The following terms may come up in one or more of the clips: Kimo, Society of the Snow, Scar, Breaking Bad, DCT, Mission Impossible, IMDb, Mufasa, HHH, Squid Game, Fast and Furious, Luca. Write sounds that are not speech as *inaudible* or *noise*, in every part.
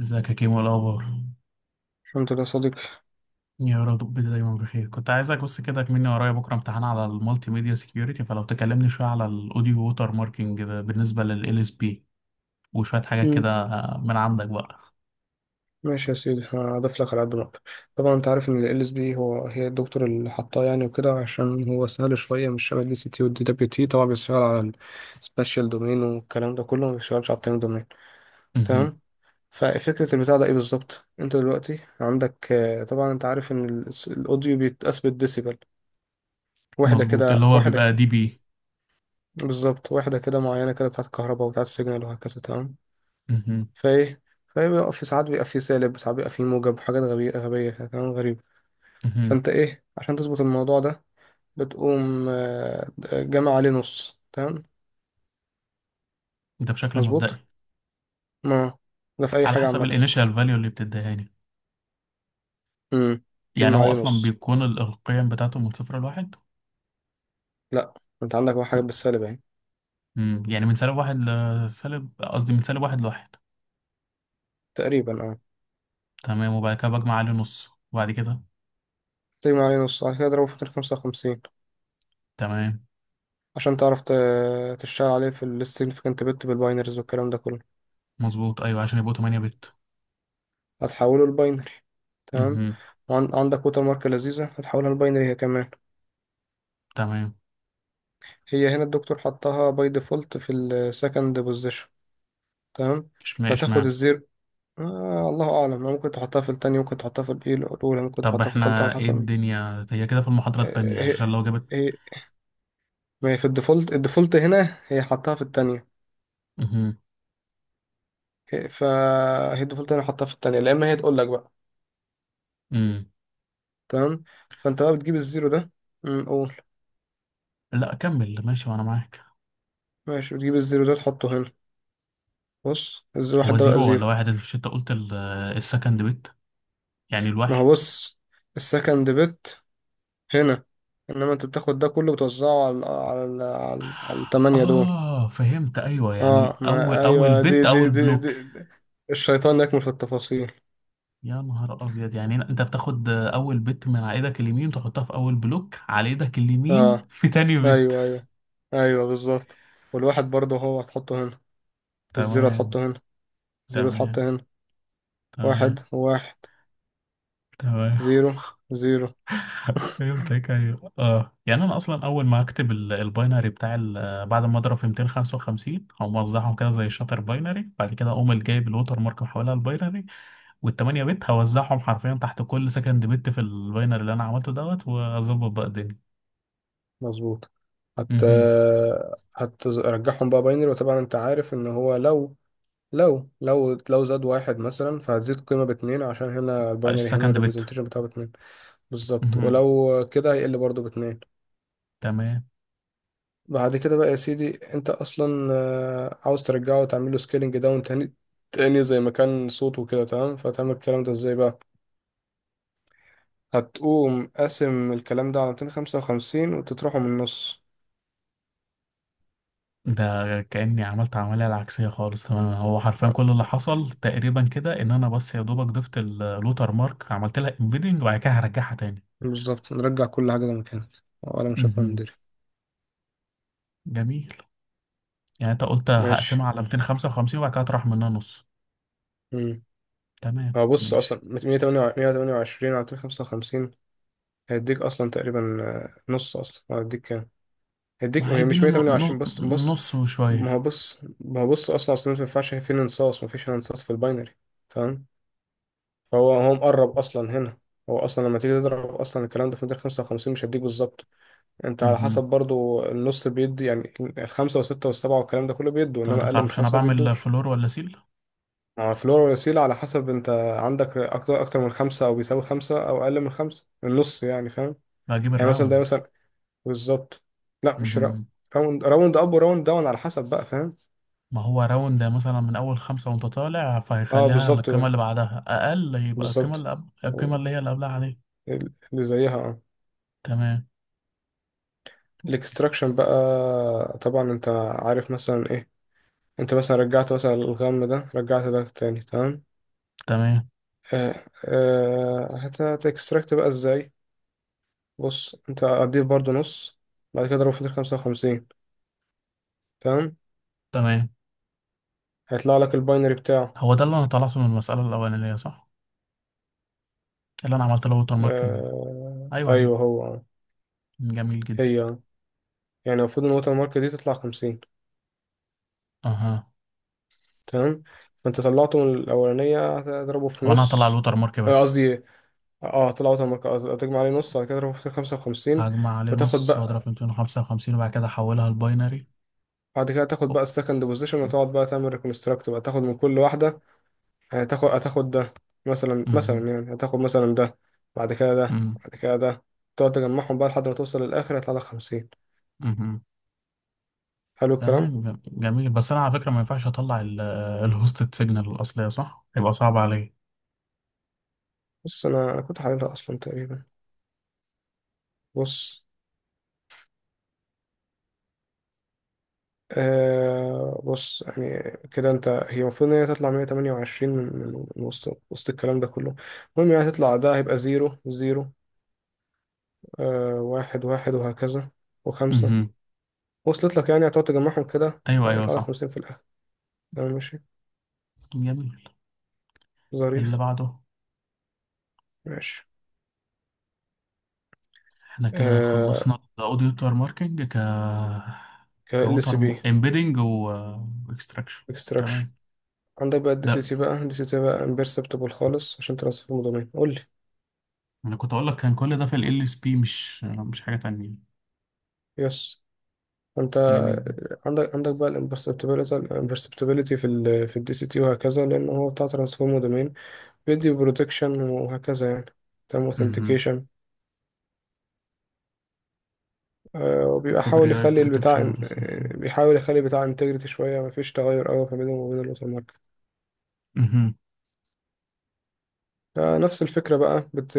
ازيك يا كيمو؟ إيه الاخبار؟ الحمد لله يا صديقي. يا رب دايما بخير. كنت عايزك بس كده، كمني ورايا بكره امتحان على المالتي ميديا سيكيورتي، فلو تكلمني شويه على الاوديو ووتر ماركينج ده بالنسبه لل اس بي وشويه حاجات كده مم. من عندك بقى. ماشي يا سيدي، هضيف لك على قد ما اقدر. طبعا انت عارف ان ال اس بي هو هي الدكتور اللي حطاه يعني وكده، عشان هو سهل شويه، مش شبه الدي سي تي والدي دبليو تي. طبعا بيشتغل على السبيشال دومين والكلام ده كله، ما بيشتغلش على التايم دومين. مهم. تمام. ففكره البتاع ده ايه بالظبط؟ انت دلوقتي عندك طبعا انت عارف ان الاوديو بيتقاس بالديسيبل. واحده مظبوط، اللي كده، هو بيبقى دي بي. بالظبط، واحده كده معينه كده بتاعت الكهرباء وبتاعت السيجنال وهكذا. تمام. مهم. فايه فايه بيبقى في ساعات بيبقى فيه سالب، وساعات بيبقى فيه موجب، وحاجات غبية غبية كده، كلام غريب. مهم. فانت ايه عشان تظبط الموضوع ده؟ بتقوم جامع عليه نص. تمام ده بشكل مظبوط. مبدئي، ما ده في اي على حاجة حسب عامة. الانيشال فاليو اللي بتديهاني. امم يعني تجمع هو عليه اصلا نص. بيكون القيم بتاعته من صفر لواحد. لا، انت عندك واحد حاجة بالسالب اهي. مم. يعني من سالب واحد لسالب، قصدي من سالب واحد لواحد. تقريبا اه. تمام، وبعد كده بجمع عليه نص، وبعد كده تجمع عليه نص، بعد كده اضربه في 255، تمام. عشان تعرف تشتغل عليه في السيجنفكنت بت بالباينرز والكلام ده كله. مظبوط، ايوه، عشان يبقوا 8 بت. هتحوله لباينري. تمام. امم. وعندك ووتر مارك لذيذة، هتحولها لباينري هي كمان. تمام. هي هنا الدكتور حطها باي ديفولت في السكند بوزيشن. تمام. اشمعنى فتاخد اشمعنى؟ الزيرو. آه، الله اعلم، ممكن تحطها في التانية، ممكن تحطها في الإيه الاولى، ممكن طب تحطها في التالتة، على احنا ايه حسب. الدنيا هي كده في المحاضرة التانية آه، عشان لو جابت. هي هي ما هي في الديفولت هنا هي حطها في التانية. امم. فهي الديفولت هنا حطها في التانية، لا اما هي تقول لك بقى. امم. تمام. فانت بقى بتجيب الزيرو ده. قول. لا كمل ماشي وانا معاك. ماشي، بتجيب الزيرو ده تحطه هنا. بص، الزيرو هو واحد ده بقى زيرو ولا زيرو. واحد؟ انت مش انت قلت السكند بت؟ يعني ما هو الواحد. بص، السكند بت هنا. انما انت بتاخد ده كله، بتوزعه على التمانية دول. اه فهمت، ايوه، يعني اه، اول ما اول ايوه. دي بت، دي اول دي, بلوك. دي, دي. الشيطان يكمن في التفاصيل. يا نهار ابيض، يعني انت بتاخد اول بت من على ايدك اليمين تحطها في اول بلوك على ايدك اليمين، اه، في تاني بت. ايوه ايوه ايوه، بالظبط. والواحد برضه هو هتحطه هنا. الزيرو تمام. هتحطه هنا. الزيرو اتحط تمام. هنا. تمام. واحد واحد. تمام. زيرو زيرو. *laughs* فهمتك، ايوه، اه، يعني انا اصلا اول ما اكتب الباينري بتاع بعد ما اضرب في 255، او موزعهم كده زي الشاتر باينري، بعد كده اقوم جايب الوتر مارك محولها الباينري، وال8 بت هوزعهم حرفيا تحت كل سكند بت في الباينري اللي انا عملته دوت، واظبط بقى الدنيا. مظبوط. هت اها. هترجعهم بقى باينري. وطبعا انت عارف ان هو لو زاد واحد مثلا، فهتزيد قيمة باتنين، عشان هنا الباينري، هنا السكند بت. الريبريزنتيشن بتاعه باتنين. بالظبط. اها. ولو كده هيقل برضه باتنين. تمام. بعد كده بقى يا سيدي، انت اصلا عاوز ترجعه وتعمل له سكيلنج داون تاني، زي ما كان صوته كده. تمام. فتعمل الكلام ده ازاي بقى؟ هتقوم قاسم الكلام ده على 255 وتطرحه من النص. ده كأني عملت عملية العكسية خالص، تماما هو حرفيا كل اللي حصل تقريبا كده ان انا بس يا دوبك ضفت اللوتر مارك، عملت لها امبيدنج، وبعد كده هرجعها تاني. بالظبط، نرجع كل حاجة زي ما كانت، ولا مشافة من مهم. دري. جميل. يعني انت قلت هقسمها ماشي. على 255 وبعد كده هطرح منها نص. امم تمام، هو بص، ماشي. اصلا 128 على 255 هيديك اصلا تقريبا نص. اصلا هيديك كام؟ ما هيديك، هي مش هيديني 128. بص بص. نص وشوية. ما هو بص ما هو بص، اصلا ما ينفعش في انصاص، ما فيش انصاص في الباينري. تمام. فهو مقرب اصلا هنا. هو اصلا لما تيجي تضرب اصلا الكلام ده في مدار 55، مش هيديك بالظبط. انت على حسب مهم. برضو النص بيدي، يعني الخمسه والسته والسبعه والكلام ده كله بيدوا، طب انت انما اقل من بتعرفش انا خمسه بعمل بيدوش. فلور ولا سيل؟ ما هو الفلور والوسيله على حسب انت. عندك اكتر من خمسه، او بيساوي خمسه، او اقل من خمسه النص يعني، فاهم؟ بجيب يعني مثلا ده الراوند. مثلا، بالظبط. لا، مش را- مهم. راوند اب وراوند داون على حسب بقى، فاهم. ما هو راوند مثلا من اول خمسة وانت طالع اه فهيخليها بالظبط القيمة اللي بعدها اقل، يبقى القيمة بالظبط. اللي قبل القيمة أو اللي هي اللي قبلها عليك. اللي زيها، اه. تمام. الاكستراكشن بقى. طبعا انت عارف مثلا ايه. انت مثلا رجعت مثلا الغم ده، رجعت ده تاني، تمام. تمام. هتكستراكت بقى ازاي؟ بص، انت هتضيف برضو نص، بعد كده اضربه في ال 55. تمام، تمام. هيطلع لك الباينري بتاعه. هو ده اللي انا طلعته من المسألة الأولانية، صح؟ اللي انا عملت له ووتر ماركينج. آه ايوه هي. ايوه، هو جميل جدا. هي آه. يعني المفروض ان الوتر مارك دي تطلع 50. اها. تمام. فانت طلعته من الاولانيه، هتضربه في هو انا هطلع نص. الووتر مارك بس. قصدي اه، طلعوا تمك. تجمع عليه نص، على كده تروح في 55. هجمع عليه وتاخد نص واضرب في بقى، 255 وبعد كده احولها لباينري. بعد كده تاخد بقى أو- السكند بوزيشن، وتقعد بقى تعمل ريكونستراكت بقى، تاخد من كل واحدة. يعني هتاخد ده، مثلا مهم. مثلا يعني، هتاخد مثلا ده، بعد كده ده، مم. بعد كده ده. تقعد تجمعهم بقى لحد ما توصل للآخر، هيطلع لك 50. مهم. حلو الكلام. تمام، جميل. بس انا على فكرة ما ينفعش اطلع الهوستد سيجنال الأصلية، صح؟ هيبقى صعب عليا. بص، أنا كنت حللها أصلا تقريبا. بص بص، يعني كده انت. هي المفروض ان هي تطلع 128 من وسط الكلام ده كله. المهم يعني هتطلع ده، هيبقى زيرو زيرو، آه واحد واحد، وهكذا. وخمسة، مهم. وصلت لك، يعني هتقعد تجمعهم كده، ايوه، ايوه، يطلع لك صح. 50 في الآخر. تمام، ماشي، جميل. اللي ظريف. بعده. ماشي. احنا كده آه، خلصنا الاوديو ووتر ماركينج ك. ك ال كوتر. سي بي امبيدنج واكستراكشن. اكستراكشن. تمام. عندك بقى الدي سي ده تي بقى، امبرسبتبل خالص عشان ترصف المضامين، قول لي. انا كنت اقول لك كان كل ده في ال اس بي، مش حاجه تانية. يس. انت جميل جدا. عندك بقى الامبرسبتبيليتي في في الدي سي تي وهكذا، لان هو بتاع ترانسفورم دومين، بيدي بروتكشن وهكذا يعني. تمام. امم. اوثنتيكيشن وبيبقى كوبري حاول رايت يخلي البتاع بروتكشن. آه، بيحاول يخلي البتاع انتجريتي شوية، مفيش تغير قوي ما بينهم وبين الوتر ماركت. امم. فنفس الفكرة بقى. بت...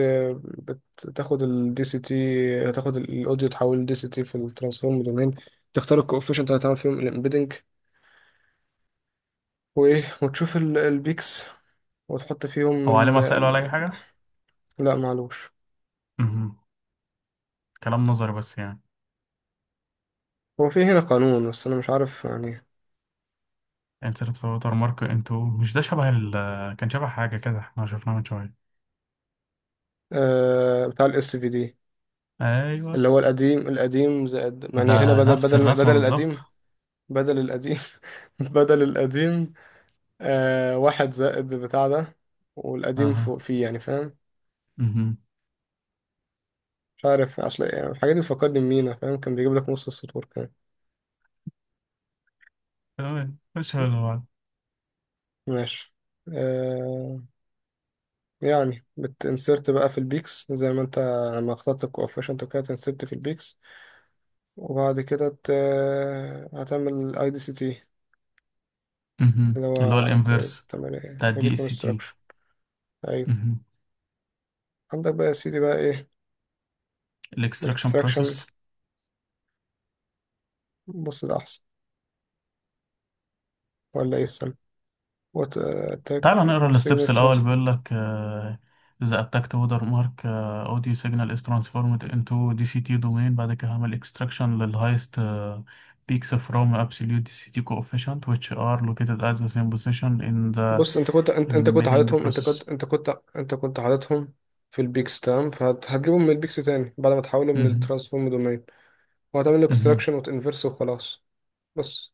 بتاخد الدي سي تي، تاخد الاوديو، تحول لدي سي تي في الترانسفورم دومين. تختار الكوفيشنت اللي هتعمل فيهم الامبيدنج، وايه وتشوف البيكس، وتحط فيهم او عليه ال... مسائل ولا اي ال-. حاجه؟ لا، معلوش. مهم. كلام نظري بس يعني. هو في هنا قانون، بس انا مش عارف يعني. انسرت في ووتر مارك انتو، مش ده شبه ال آه، كان شبه حاجه كده احنا شفناه من شويه؟ آه، بتاع الاس في دي، ايوه. اللي هو القديم، القديم زائد، يعني هنا ده بدل نفس بدل الرسمه بدل بالظبط. القديم. بدل القديم. *laughs* بدل القديم. آه، واحد زائد بتاع ده، والقديم فوق اها. فيه، يعني فاهم. مهم. مش عارف، اصل يعني الحاجات دي بتفكرني بمينا، فاهم، كان بيجيب لك نص السطور كمان. تمام، مش حلو بعض. ماشي. آه. يعني بتنسرت بقى في البيكس، زي ما انت لما اخترت الكوفيشنت وكده، تنسرت في البيكس. وبعد كده ت... هتعمل اي دي سي تي، مهم. اللي اللي هو هو الانفيرس تعمل ايه بتاع الدي اس تي. ريكونستراكشن. ايوه. عندك بقى يا سيدي بقى ايه. الاكستراكشن الاكستراكشن. بروسيس. بص ده احسن، ولا ايه السنة وات اتاك تعال نقرا الستبس سيجنال. الاول، بيقول لك اذا اتاكت وودر مارك اوديو سيجنال از ترانسفورمد انتو دي سي تي دومين، بعد كده هعمل اكستراكشن للهايست بيكس from absolute دي سي تي coefficient which are located at the same position in the بص، انت كنت embedding حاططهم. Process. انت كنت حاططهم في البيكس، تمام. فهتجيبهم من البيكس تاني، بعد ما تحولهم مهم. للترانسفورم دومين. وهتعمل له مهم. اكستراكشن، وتنفرس وخلاص. بس.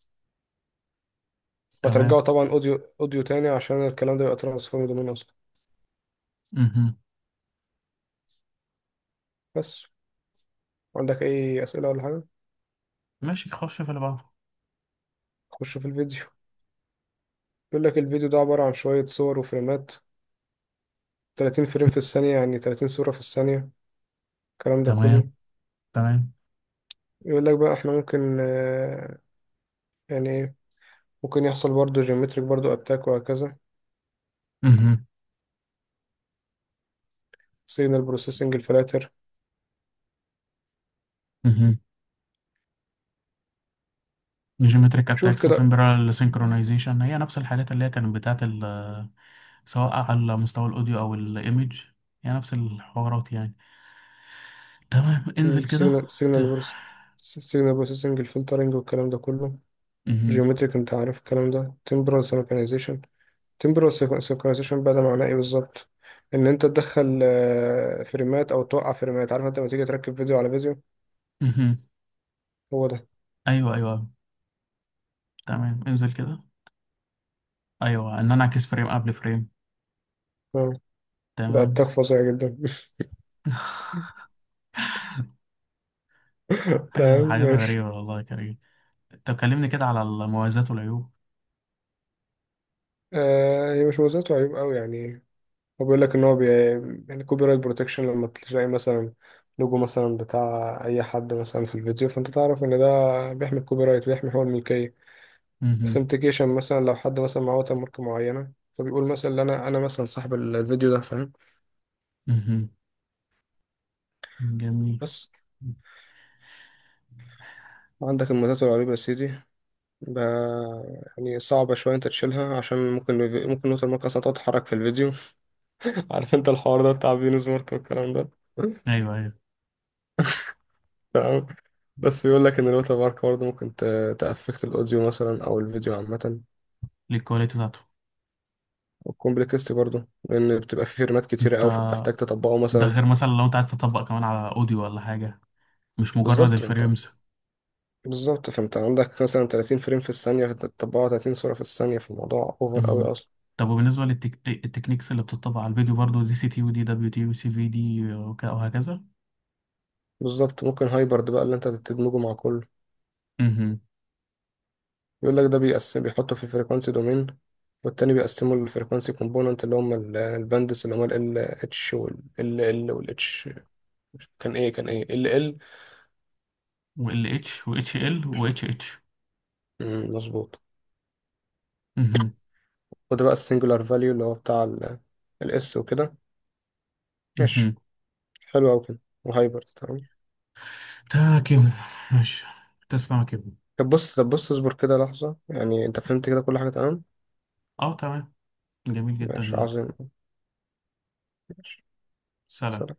وهترجعه تمام. طبعا اوديو، تاني. عشان الكلام ده يبقى ترانسفورم دومين اصلا. مهم. بس. عندك اي اسئله ولا حاجه؟ ماشي، خش في اللي بعده. خش في الفيديو. بيقول لك الفيديو ده عباره عن شويه صور وفريمات. 30 فريم في الثانيه، يعني 30 صوره في الثانيه، الكلام ده كله. تمام. تمام. يقول لك بقى احنا ممكن يعني، ممكن يحصل برضو جيومتريك برضو اتاك وهكذا. مهم. سيجنال بروسيسنج الفلاتر. مهم. جيومتريك شوف اتاكس كده. وتمبرال سينكرونايزيشن هي نفس الحاجات اللي هي كانت بتاعت، سواء على مستوى الاوديو او الايمج، يعني نفس الحوارات يعني. تمام، انزل كده. سيجنال ت... سيجنال سيجنال بروسيسنج الفلترنج والكلام ده كله. مهم. جيومتريك، انت عارف الكلام ده. تمبرال سينكرونايزيشن. تمبرال سينكرونايزيشن بقى، ده معناه ايه بالظبط؟ ان انت تدخل فريمات او توقع فريمات، عارف انت لما تيجي تركب فيديو على فيديو، مهم. هو ده. ايوه، ايوه، أيوة. تمام، انزل كده. ايوه، ان انا اعكس فريم قبل فريم. آه، ده اتاك تمام. فظيع جدا. *laughs* *laughs* حاجه، تمام حاجات ماشي. غريبه والله يا كريم. طب كلمني كده على المميزات والعيوب. هي مش مميزات وعيوب قوي يعني. هو بيقول لك ان هو بي... يعني كوبي رايت بروتكشن، لما تلاقي مثلا لوجو مثلا بتاع اي حد مثلا في الفيديو، فانت تعرف ان ده بيحمي الكوبي رايت، بيحمي حقوق الملكيه. مهم. اوثنتيكيشن مثلا، لو حد مثلا معاه ووتر مارك معينه، فبيقول مثلا إن انا مثلا صاحب الفيديو ده، فاهم. مهم. جميل. بس. عندك الميزات الرهيبة يا سيدي. ب... يعني صعبة شوية انت تشيلها، عشان ممكن الوتر مارك اصلا تقعد تتحرك في الفيديو. *laughs* عارف انت الحوار ده بتاع بينو سمارت والكلام ده. ايوه، ايوه. *laughs* بس يقول لك ان الوتر مارك برضه ممكن تأفكت الاوديو مثلا او الفيديو عامه. للكواليتي بتاعته. والكومبلكس برضه، لان بتبقى في فيرمات كتيره انت. قوي، فبتحتاج تطبقه ده مثلا. غير مثلا لو انت عايز تطبق كمان على اوديو ولا حاجه، مش مجرد بالظبط انت الفريمز. بالظبط، فانت عندك مثلا 30 فريم في الثانيه، فانت تطبقه 30 صوره في الثانيه في الموضوع، اوفر قوي مم. اصلا. طب وبالنسبة التكنيكس اللي بتطبق على الفيديو برضو دي سي تي ودي دبليو تي وسي في دي وهكذا. بالظبط. ممكن هايبرد بقى اللي انت تدمجه مع كله. مهم. يقول لك ده بيقسم، بيحطه في فريكوانسي دومين. والتاني بيقسمه الفريكوانسي كومبوننت اللي هم الباندس، اللي هم ال اتش وال ال ال وال اتش. كان ايه كان ايه ال ال. و ال اتش و اتش ال و اتش اتش. مظبوط. مهم. وده بقى السنجولار فاليو اللي هو بتاع الاس وكده. ماشي. مهم. حلو أوي كده. وهايبر. تمام. تمام يا كيمو. ماشي. تسمع يا كيمو؟ طب بص، اصبر كده لحظة، يعني انت فهمت كده كل حاجة تمام. اه تمام. جميل جدا ماشي يعني. عظيم. ماشي. سلام. سلام.